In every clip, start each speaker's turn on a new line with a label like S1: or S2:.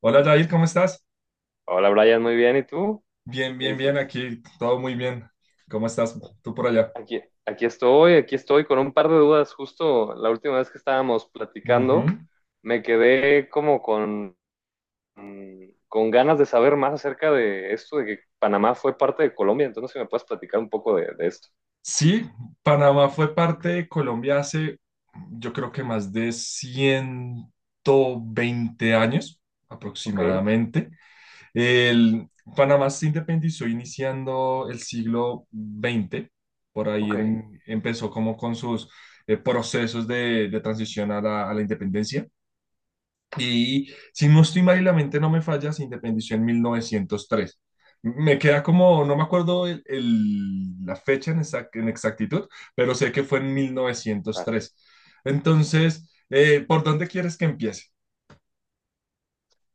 S1: Hola Jair, ¿cómo estás?
S2: Hola Brian, muy bien. ¿Y tú?
S1: Bien,
S2: ¿Qué
S1: bien, bien,
S2: dices?
S1: aquí todo muy bien. ¿Cómo estás tú por allá?
S2: Aquí estoy con un par de dudas. Justo la última vez que estábamos
S1: Ujú.
S2: platicando, me quedé como con con ganas de saber más acerca de esto, de que Panamá fue parte de Colombia. Entonces, si me puedes platicar un poco de esto.
S1: Sí, Panamá fue parte de Colombia hace yo creo que más de 120 años
S2: Ok,
S1: aproximadamente. El, Panamá se independizó iniciando el siglo XX. Por ahí
S2: ok.
S1: empezó como con sus procesos de transición a la independencia. Y si no estoy mal y la mente no me falla, se independizó en 1903. Me queda como, no me acuerdo la fecha en exactitud, pero sé que fue en
S2: Ah.
S1: 1903. Entonces, ¿por dónde quieres que empiece?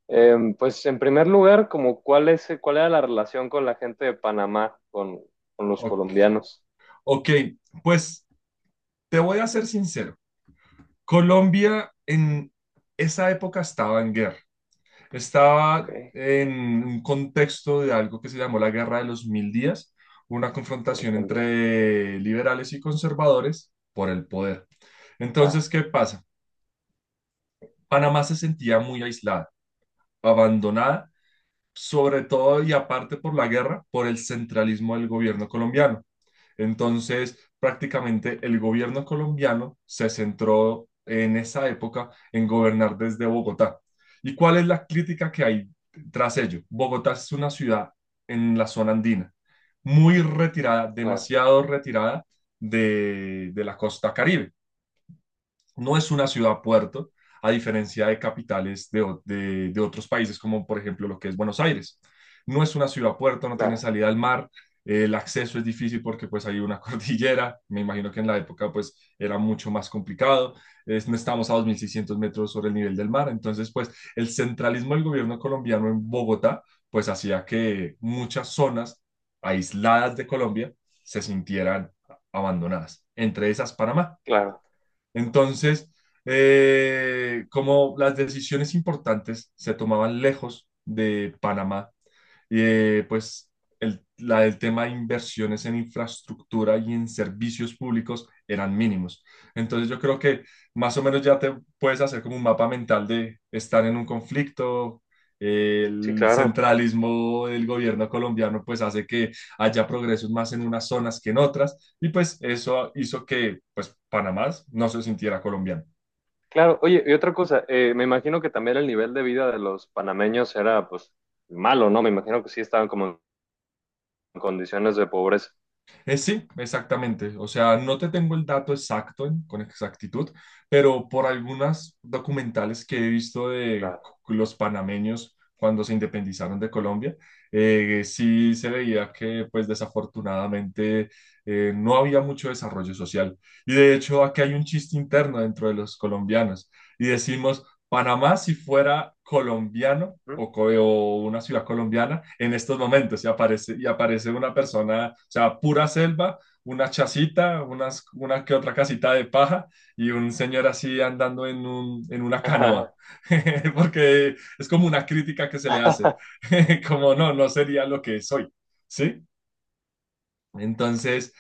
S2: Pues en primer lugar, como cuál era la relación con la gente de Panamá, con los
S1: O-
S2: colombianos.
S1: ok, pues te voy a ser sincero. Colombia en esa época estaba en guerra.
S2: Ok,
S1: Estaba
S2: de
S1: en un contexto de algo que se llamó la Guerra de los Mil Días, una
S2: los
S1: confrontación
S2: colombianos. Ok,
S1: entre liberales y conservadores por el poder. Entonces,
S2: claro,
S1: ¿qué pasa? Panamá se sentía muy aislada, abandonada, sobre todo y aparte por la guerra, por el centralismo del gobierno colombiano. Entonces, prácticamente el gobierno colombiano se centró en esa época en gobernar desde Bogotá. ¿Y cuál es la crítica que hay tras ello? Bogotá es una ciudad en la zona andina, muy retirada,
S2: claro,
S1: demasiado retirada de la costa Caribe. No es una ciudad-puerto, a diferencia de capitales de otros países, como por ejemplo lo que es Buenos Aires. No es una ciudad-puerto, no tiene
S2: claro,
S1: salida al mar, el acceso es difícil porque pues hay una cordillera, me imagino que en la época pues era mucho más complicado, no estamos a 2.600 metros sobre el nivel del mar, entonces pues el centralismo del gobierno colombiano en Bogotá pues hacía que muchas zonas aisladas de Colombia se sintieran abandonadas, entre esas Panamá.
S2: claro.
S1: Entonces, como las decisiones importantes se tomaban lejos de Panamá, y pues la del tema de inversiones en infraestructura y en servicios públicos eran mínimos. Entonces yo creo que más o menos ya te puedes hacer como un mapa mental de estar en un conflicto. eh,
S2: Sí,
S1: El
S2: claro.
S1: centralismo del gobierno colombiano pues hace que haya progresos más en unas zonas que en otras y pues eso hizo que pues Panamá no se sintiera colombiano.
S2: Claro, oye, y otra cosa, me imagino que también el nivel de vida de los panameños era pues malo, ¿no? Me imagino que sí estaban como en condiciones de pobreza.
S1: Sí, exactamente. O sea, no te tengo el dato exacto con exactitud, pero por algunas documentales que he visto
S2: Claro.
S1: los panameños cuando se independizaron de Colombia, sí se veía que, pues desafortunadamente, no había mucho desarrollo social. Y de hecho, aquí hay un chiste interno dentro de los colombianos y decimos, Panamá si fuera colombiano
S2: ¿Mm?
S1: o una ciudad colombiana en estos momentos y aparece una persona, o sea, pura selva, una chacita, una que otra casita de paja y un señor así andando en una canoa,
S2: Ajá.
S1: porque es como una crítica que se le hace, como no, no sería lo que soy, ¿sí? Entonces,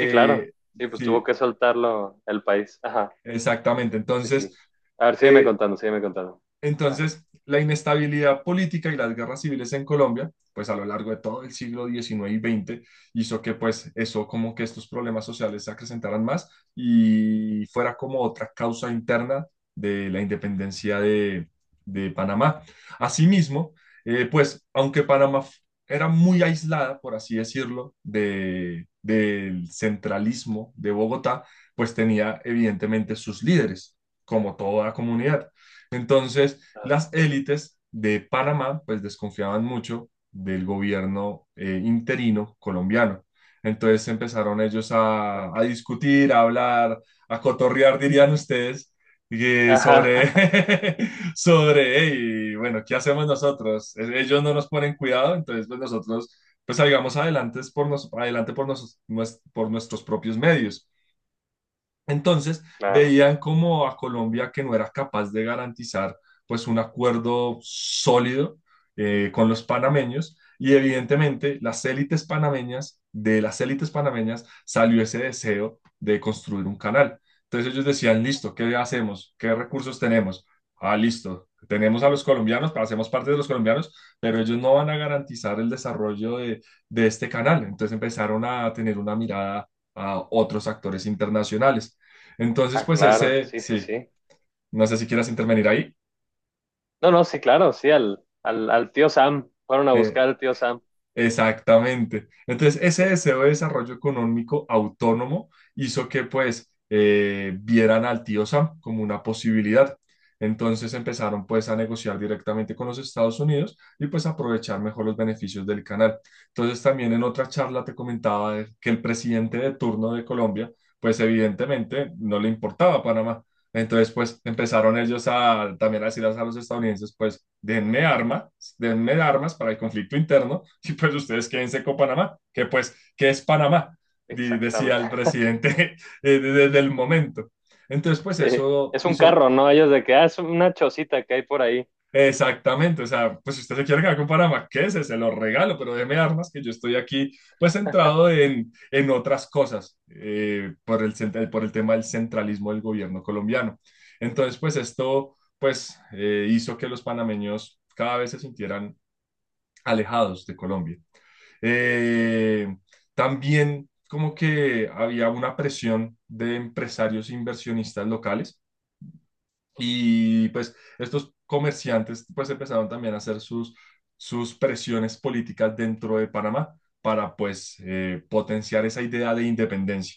S2: Sí, claro. Sí, pues tuvo
S1: sí,
S2: que soltarlo el país. Ajá,
S1: exactamente,
S2: sí,
S1: entonces
S2: sí. A ver, sígueme
S1: eh,
S2: contando, sígueme contando. Ah,
S1: Entonces, la inestabilidad política y las guerras civiles en Colombia, pues a lo largo de todo el siglo XIX y XX hizo que pues eso, como que estos problemas sociales se acrecentaran más y fuera como otra causa interna de la independencia de Panamá. Asimismo, pues aunque era muy aislada, por así decirlo, del centralismo de Bogotá, pues tenía evidentemente sus líderes, como toda comunidad. Entonces,
S2: claro,
S1: las élites de Panamá, pues desconfiaban mucho del gobierno interino colombiano. Entonces empezaron ellos
S2: claro.
S1: a discutir, a hablar, a cotorrear, dirían ustedes, y sobre,
S2: Ajá,
S1: sobre, "Hey, bueno, ¿qué hacemos nosotros? Ellos no nos ponen cuidado, entonces pues nosotros salgamos adelante por nuestros propios medios. Entonces,
S2: claro.
S1: veían como a Colombia que no era capaz de garantizar pues un acuerdo sólido con los panameños y evidentemente de las élites panameñas salió ese deseo de construir un canal. Entonces ellos decían, listo, ¿qué hacemos? ¿Qué recursos tenemos? Ah, listo, tenemos a los colombianos, hacemos parte de los colombianos, pero ellos no van a garantizar el desarrollo de este canal. Entonces empezaron a tener una mirada a otros actores internacionales. Entonces,
S2: Ah,
S1: pues
S2: claro,
S1: ese,
S2: sí, sí,
S1: sí,
S2: sí.
S1: no sé si quieras intervenir ahí.
S2: No, no, sí, claro, sí, al tío Sam. Fueron a
S1: Eh,
S2: buscar al tío Sam.
S1: Exactamente. Entonces, ese deseo de desarrollo económico autónomo hizo que pues vieran al tío Sam como una posibilidad. Entonces empezaron pues a negociar directamente con los Estados Unidos y pues aprovechar mejor los beneficios del canal. Entonces también en otra charla te comentaba que el presidente de turno de Colombia pues evidentemente no le importaba Panamá. Entonces pues empezaron ellos a también a decir a los estadounidenses pues denme armas para el conflicto interno y pues ustedes quédense con Panamá, que pues, ¿qué es Panamá? Decía el
S2: Exactamente.
S1: presidente desde el momento. Entonces, pues
S2: Sí,
S1: eso
S2: es un
S1: hizo
S2: carro, ¿no? Ellos de que, ah, es una chocita que hay por ahí,
S1: exactamente, o sea, pues si usted se quiere quedar con Panamá, ¿qué se lo regalo, pero déme armas, que yo estoy aquí pues centrado en otras cosas, por por el tema del centralismo del gobierno colombiano. Entonces, pues esto pues hizo que los panameños cada vez se sintieran alejados de Colombia. Eh, También como que había una presión de empresarios inversionistas locales y pues estos comerciantes pues empezaron también a hacer sus, sus presiones políticas dentro de Panamá para pues potenciar esa idea de independencia.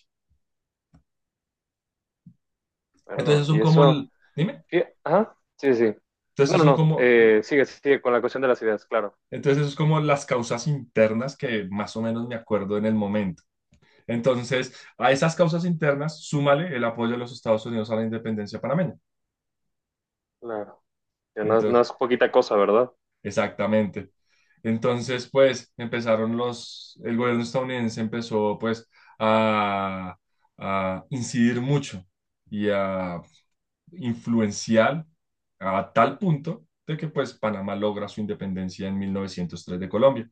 S1: Entonces
S2: perdón.
S1: son
S2: Y
S1: como
S2: eso,
S1: el, dime,
S2: sí, ajá, sí, sí. No,
S1: entonces
S2: no,
S1: son
S2: no,
S1: como,
S2: sigue, sigue con la cuestión de las ideas, claro,
S1: Entonces eso es como las causas internas que más o menos me acuerdo en el momento. Entonces, a esas causas internas, súmale el apoyo de los Estados Unidos a la independencia panameña.
S2: claro. Que no, no
S1: Entonces,
S2: es poquita cosa, ¿verdad?
S1: exactamente. Entonces, pues, empezaron los, el gobierno estadounidense empezó, pues, a, a incidir mucho y a influenciar a tal punto de que, pues, Panamá logra su independencia en 1903 de Colombia.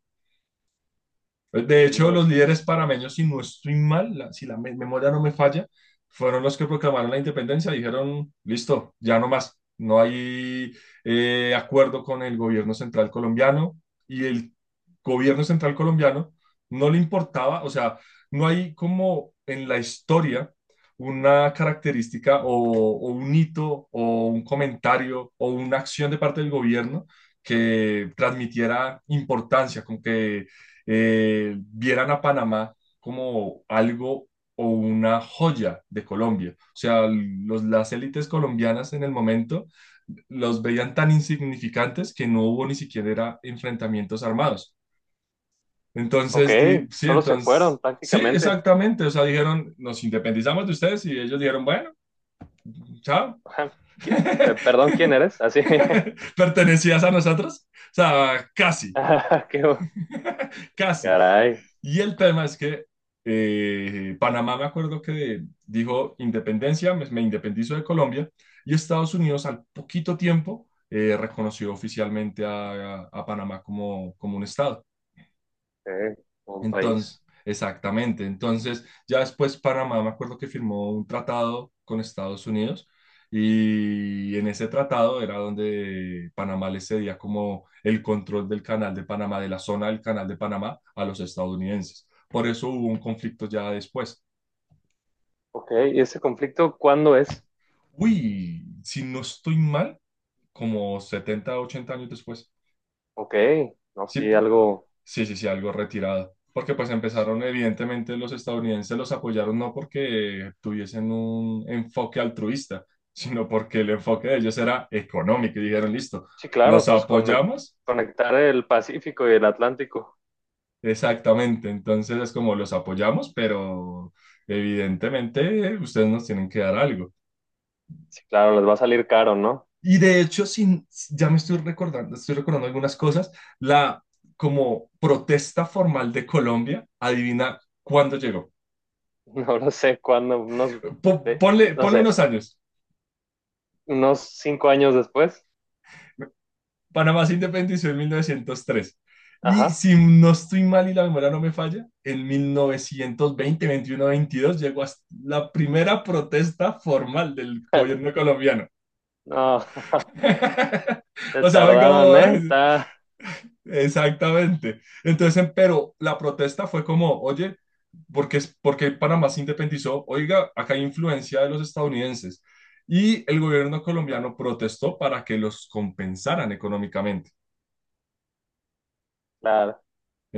S1: De
S2: mil
S1: hecho, los líderes
S2: novecientos tres.
S1: parameños, si no estoy mal, memoria no me falla, fueron los que proclamaron la independencia. Dijeron, listo, ya no más. No hay acuerdo con el gobierno central colombiano y el gobierno central colombiano no le importaba, o sea, no hay como en la historia una característica o un hito o un comentario o una acción de parte del gobierno que transmitiera importancia, como que vieran a Panamá como algo o una joya de Colombia. O sea, las élites colombianas en el momento los veían tan insignificantes que no hubo ni siquiera enfrentamientos armados.
S2: Ok,
S1: Entonces,
S2: solo se fueron
S1: sí,
S2: prácticamente.
S1: exactamente. O sea, dijeron, nos independizamos de ustedes y ellos dijeron, bueno, chao.
S2: Ajá. ¿ Perdón, ¿quién eres? Así.
S1: Pertenecías a nosotros. O sea, casi,
S2: Ah,
S1: casi.
S2: caray,
S1: Y el tema es que Panamá, me acuerdo que dijo independencia, me independizo de Colombia, y Estados Unidos al poquito tiempo reconoció oficialmente a Panamá como, como un estado.
S2: eh, un
S1: Entonces,
S2: país.
S1: exactamente. Entonces, ya después Panamá, me acuerdo que firmó un tratado con Estados Unidos y en ese tratado era donde Panamá le cedía como el control del canal de Panamá, de la zona del canal de Panamá a los estadounidenses. Por eso hubo un conflicto ya después.
S2: Ok, ¿y ese conflicto cuándo es?
S1: Uy, si no estoy mal, como 70, 80 años después.
S2: Ok, no,
S1: Sí,
S2: sí, algo.
S1: sí, sí, sí, algo retirado. Porque pues
S2: Sí,
S1: empezaron, evidentemente los estadounidenses los apoyaron no porque tuviesen un enfoque altruista, sino porque el enfoque de ellos era económico y dijeron, listo,
S2: sí, claro,
S1: los
S2: pues
S1: apoyamos.
S2: conectar el Pacífico y el Atlántico.
S1: Exactamente, entonces es como los apoyamos, pero evidentemente ustedes nos tienen que dar algo.
S2: Sí, claro, les va a salir caro, ¿no?
S1: Y de hecho, sin, ya me estoy recordando algunas cosas, la como protesta formal de Colombia, adivina cuándo llegó.
S2: No lo sé cuándo, unos, de-
S1: Ponle,
S2: no
S1: ponle
S2: sé,
S1: unos años.
S2: unos 5 años después.
S1: Panamá se independizó en 1903. Y
S2: Ajá.
S1: si no estoy mal y la memoria no me falla, en 1920, 21, 22 llegó hasta la primera protesta formal del gobierno colombiano.
S2: No, se
S1: O sea, fue
S2: tardaron,
S1: como
S2: ¿eh? Está,
S1: exactamente. Entonces, pero la protesta fue como, oye, ¿por qué Panamá se independizó? Oiga, acá hay influencia de los estadounidenses. Y el gobierno colombiano protestó para que los compensaran económicamente.
S2: claro,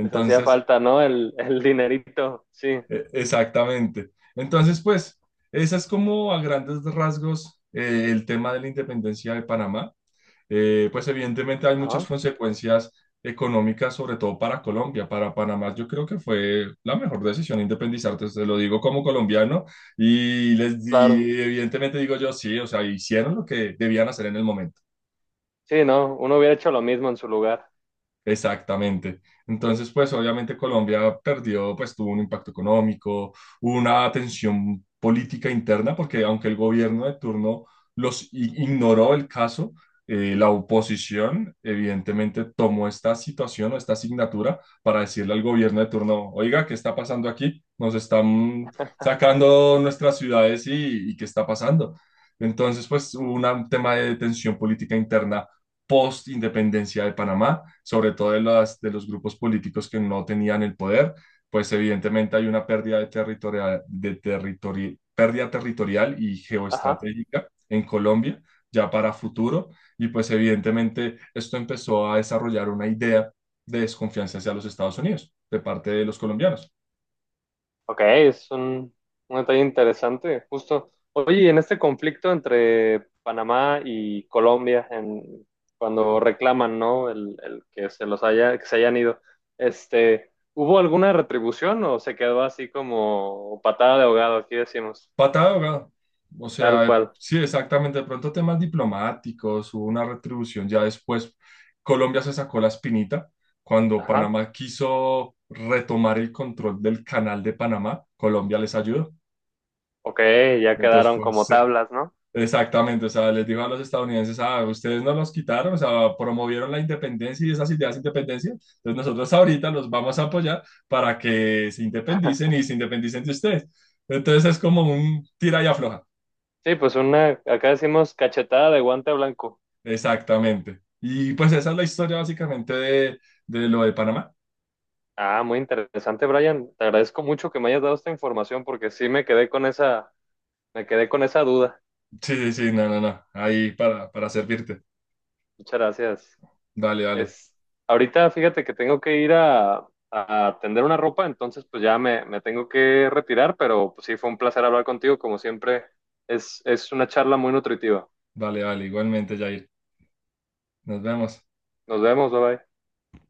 S2: les hacía falta, ¿no? El dinerito, sí.
S1: exactamente. Entonces, pues, esa es como a grandes rasgos el tema de la independencia de Panamá. Pues evidentemente hay muchas
S2: Ajá,
S1: consecuencias económicas, sobre todo para Colombia. Para Panamá yo creo que fue la mejor decisión independizarte, te lo digo como colombiano y, les,
S2: claro.
S1: di evidentemente digo yo sí, o sea, hicieron lo que debían hacer en el momento.
S2: Sí, no, uno hubiera hecho lo mismo en su lugar.
S1: Exactamente. Entonces, pues obviamente Colombia perdió, pues tuvo un impacto económico, hubo una tensión política interna, porque aunque el gobierno de turno ignoró el caso, la oposición evidentemente tomó esta situación o esta asignatura para decirle al gobierno de turno, oiga, ¿qué está pasando aquí? Nos están sacando nuestras ciudades y ¿qué está pasando? Entonces, pues un tema de tensión política interna post-independencia de Panamá, sobre todo de los grupos políticos que no tenían el poder, pues evidentemente hay una pérdida, de territorial, de territori pérdida territorial y
S2: Ajá.
S1: geoestratégica en Colombia ya para futuro y pues evidentemente esto empezó a desarrollar una idea de desconfianza hacia los Estados Unidos de parte de los colombianos.
S2: Ok, un detalle interesante, justo. Oye, y en este conflicto entre Panamá y Colombia, en, cuando reclaman, ¿no? El que se los haya, que se hayan ido, este, ¿hubo alguna retribución o se quedó así como patada de ahogado? Aquí decimos,
S1: Patada de ahogado. O
S2: tal
S1: sea,
S2: cual.
S1: sí, exactamente. De pronto temas diplomáticos, hubo una retribución ya después. Colombia se sacó la espinita cuando
S2: Ajá.
S1: Panamá quiso retomar el control del canal de Panamá. Colombia les ayudó.
S2: Ok, ya
S1: Entonces
S2: quedaron
S1: fue un
S2: como
S1: se-
S2: tablas, ¿no?
S1: Exactamente, o sea, les dijo a los estadounidenses, ah, ustedes no los quitaron, o sea, promovieron la independencia y esas ideas de independencia, entonces nosotros ahorita los vamos a apoyar para que se independicen y se independicen de ustedes. Entonces es como un tira y afloja.
S2: Sí, pues una, acá decimos cachetada de guante blanco.
S1: Exactamente. Y pues esa es la historia básicamente de lo de Panamá.
S2: Ah, muy interesante, Brian. Te agradezco mucho que me hayas dado esta información porque sí me quedé con esa. Me quedé con esa duda.
S1: Sí, sí, sí, no, no, no. Ahí para servirte.
S2: Muchas gracias.
S1: Vale, vale,
S2: Es, ahorita fíjate que tengo que ir a tender una ropa, entonces pues ya me tengo que retirar, pero pues sí, fue un placer hablar contigo, como siempre. Es una charla muy nutritiva.
S1: vale. Igualmente, Jair. Nos vemos.
S2: Nos vemos, bye bye.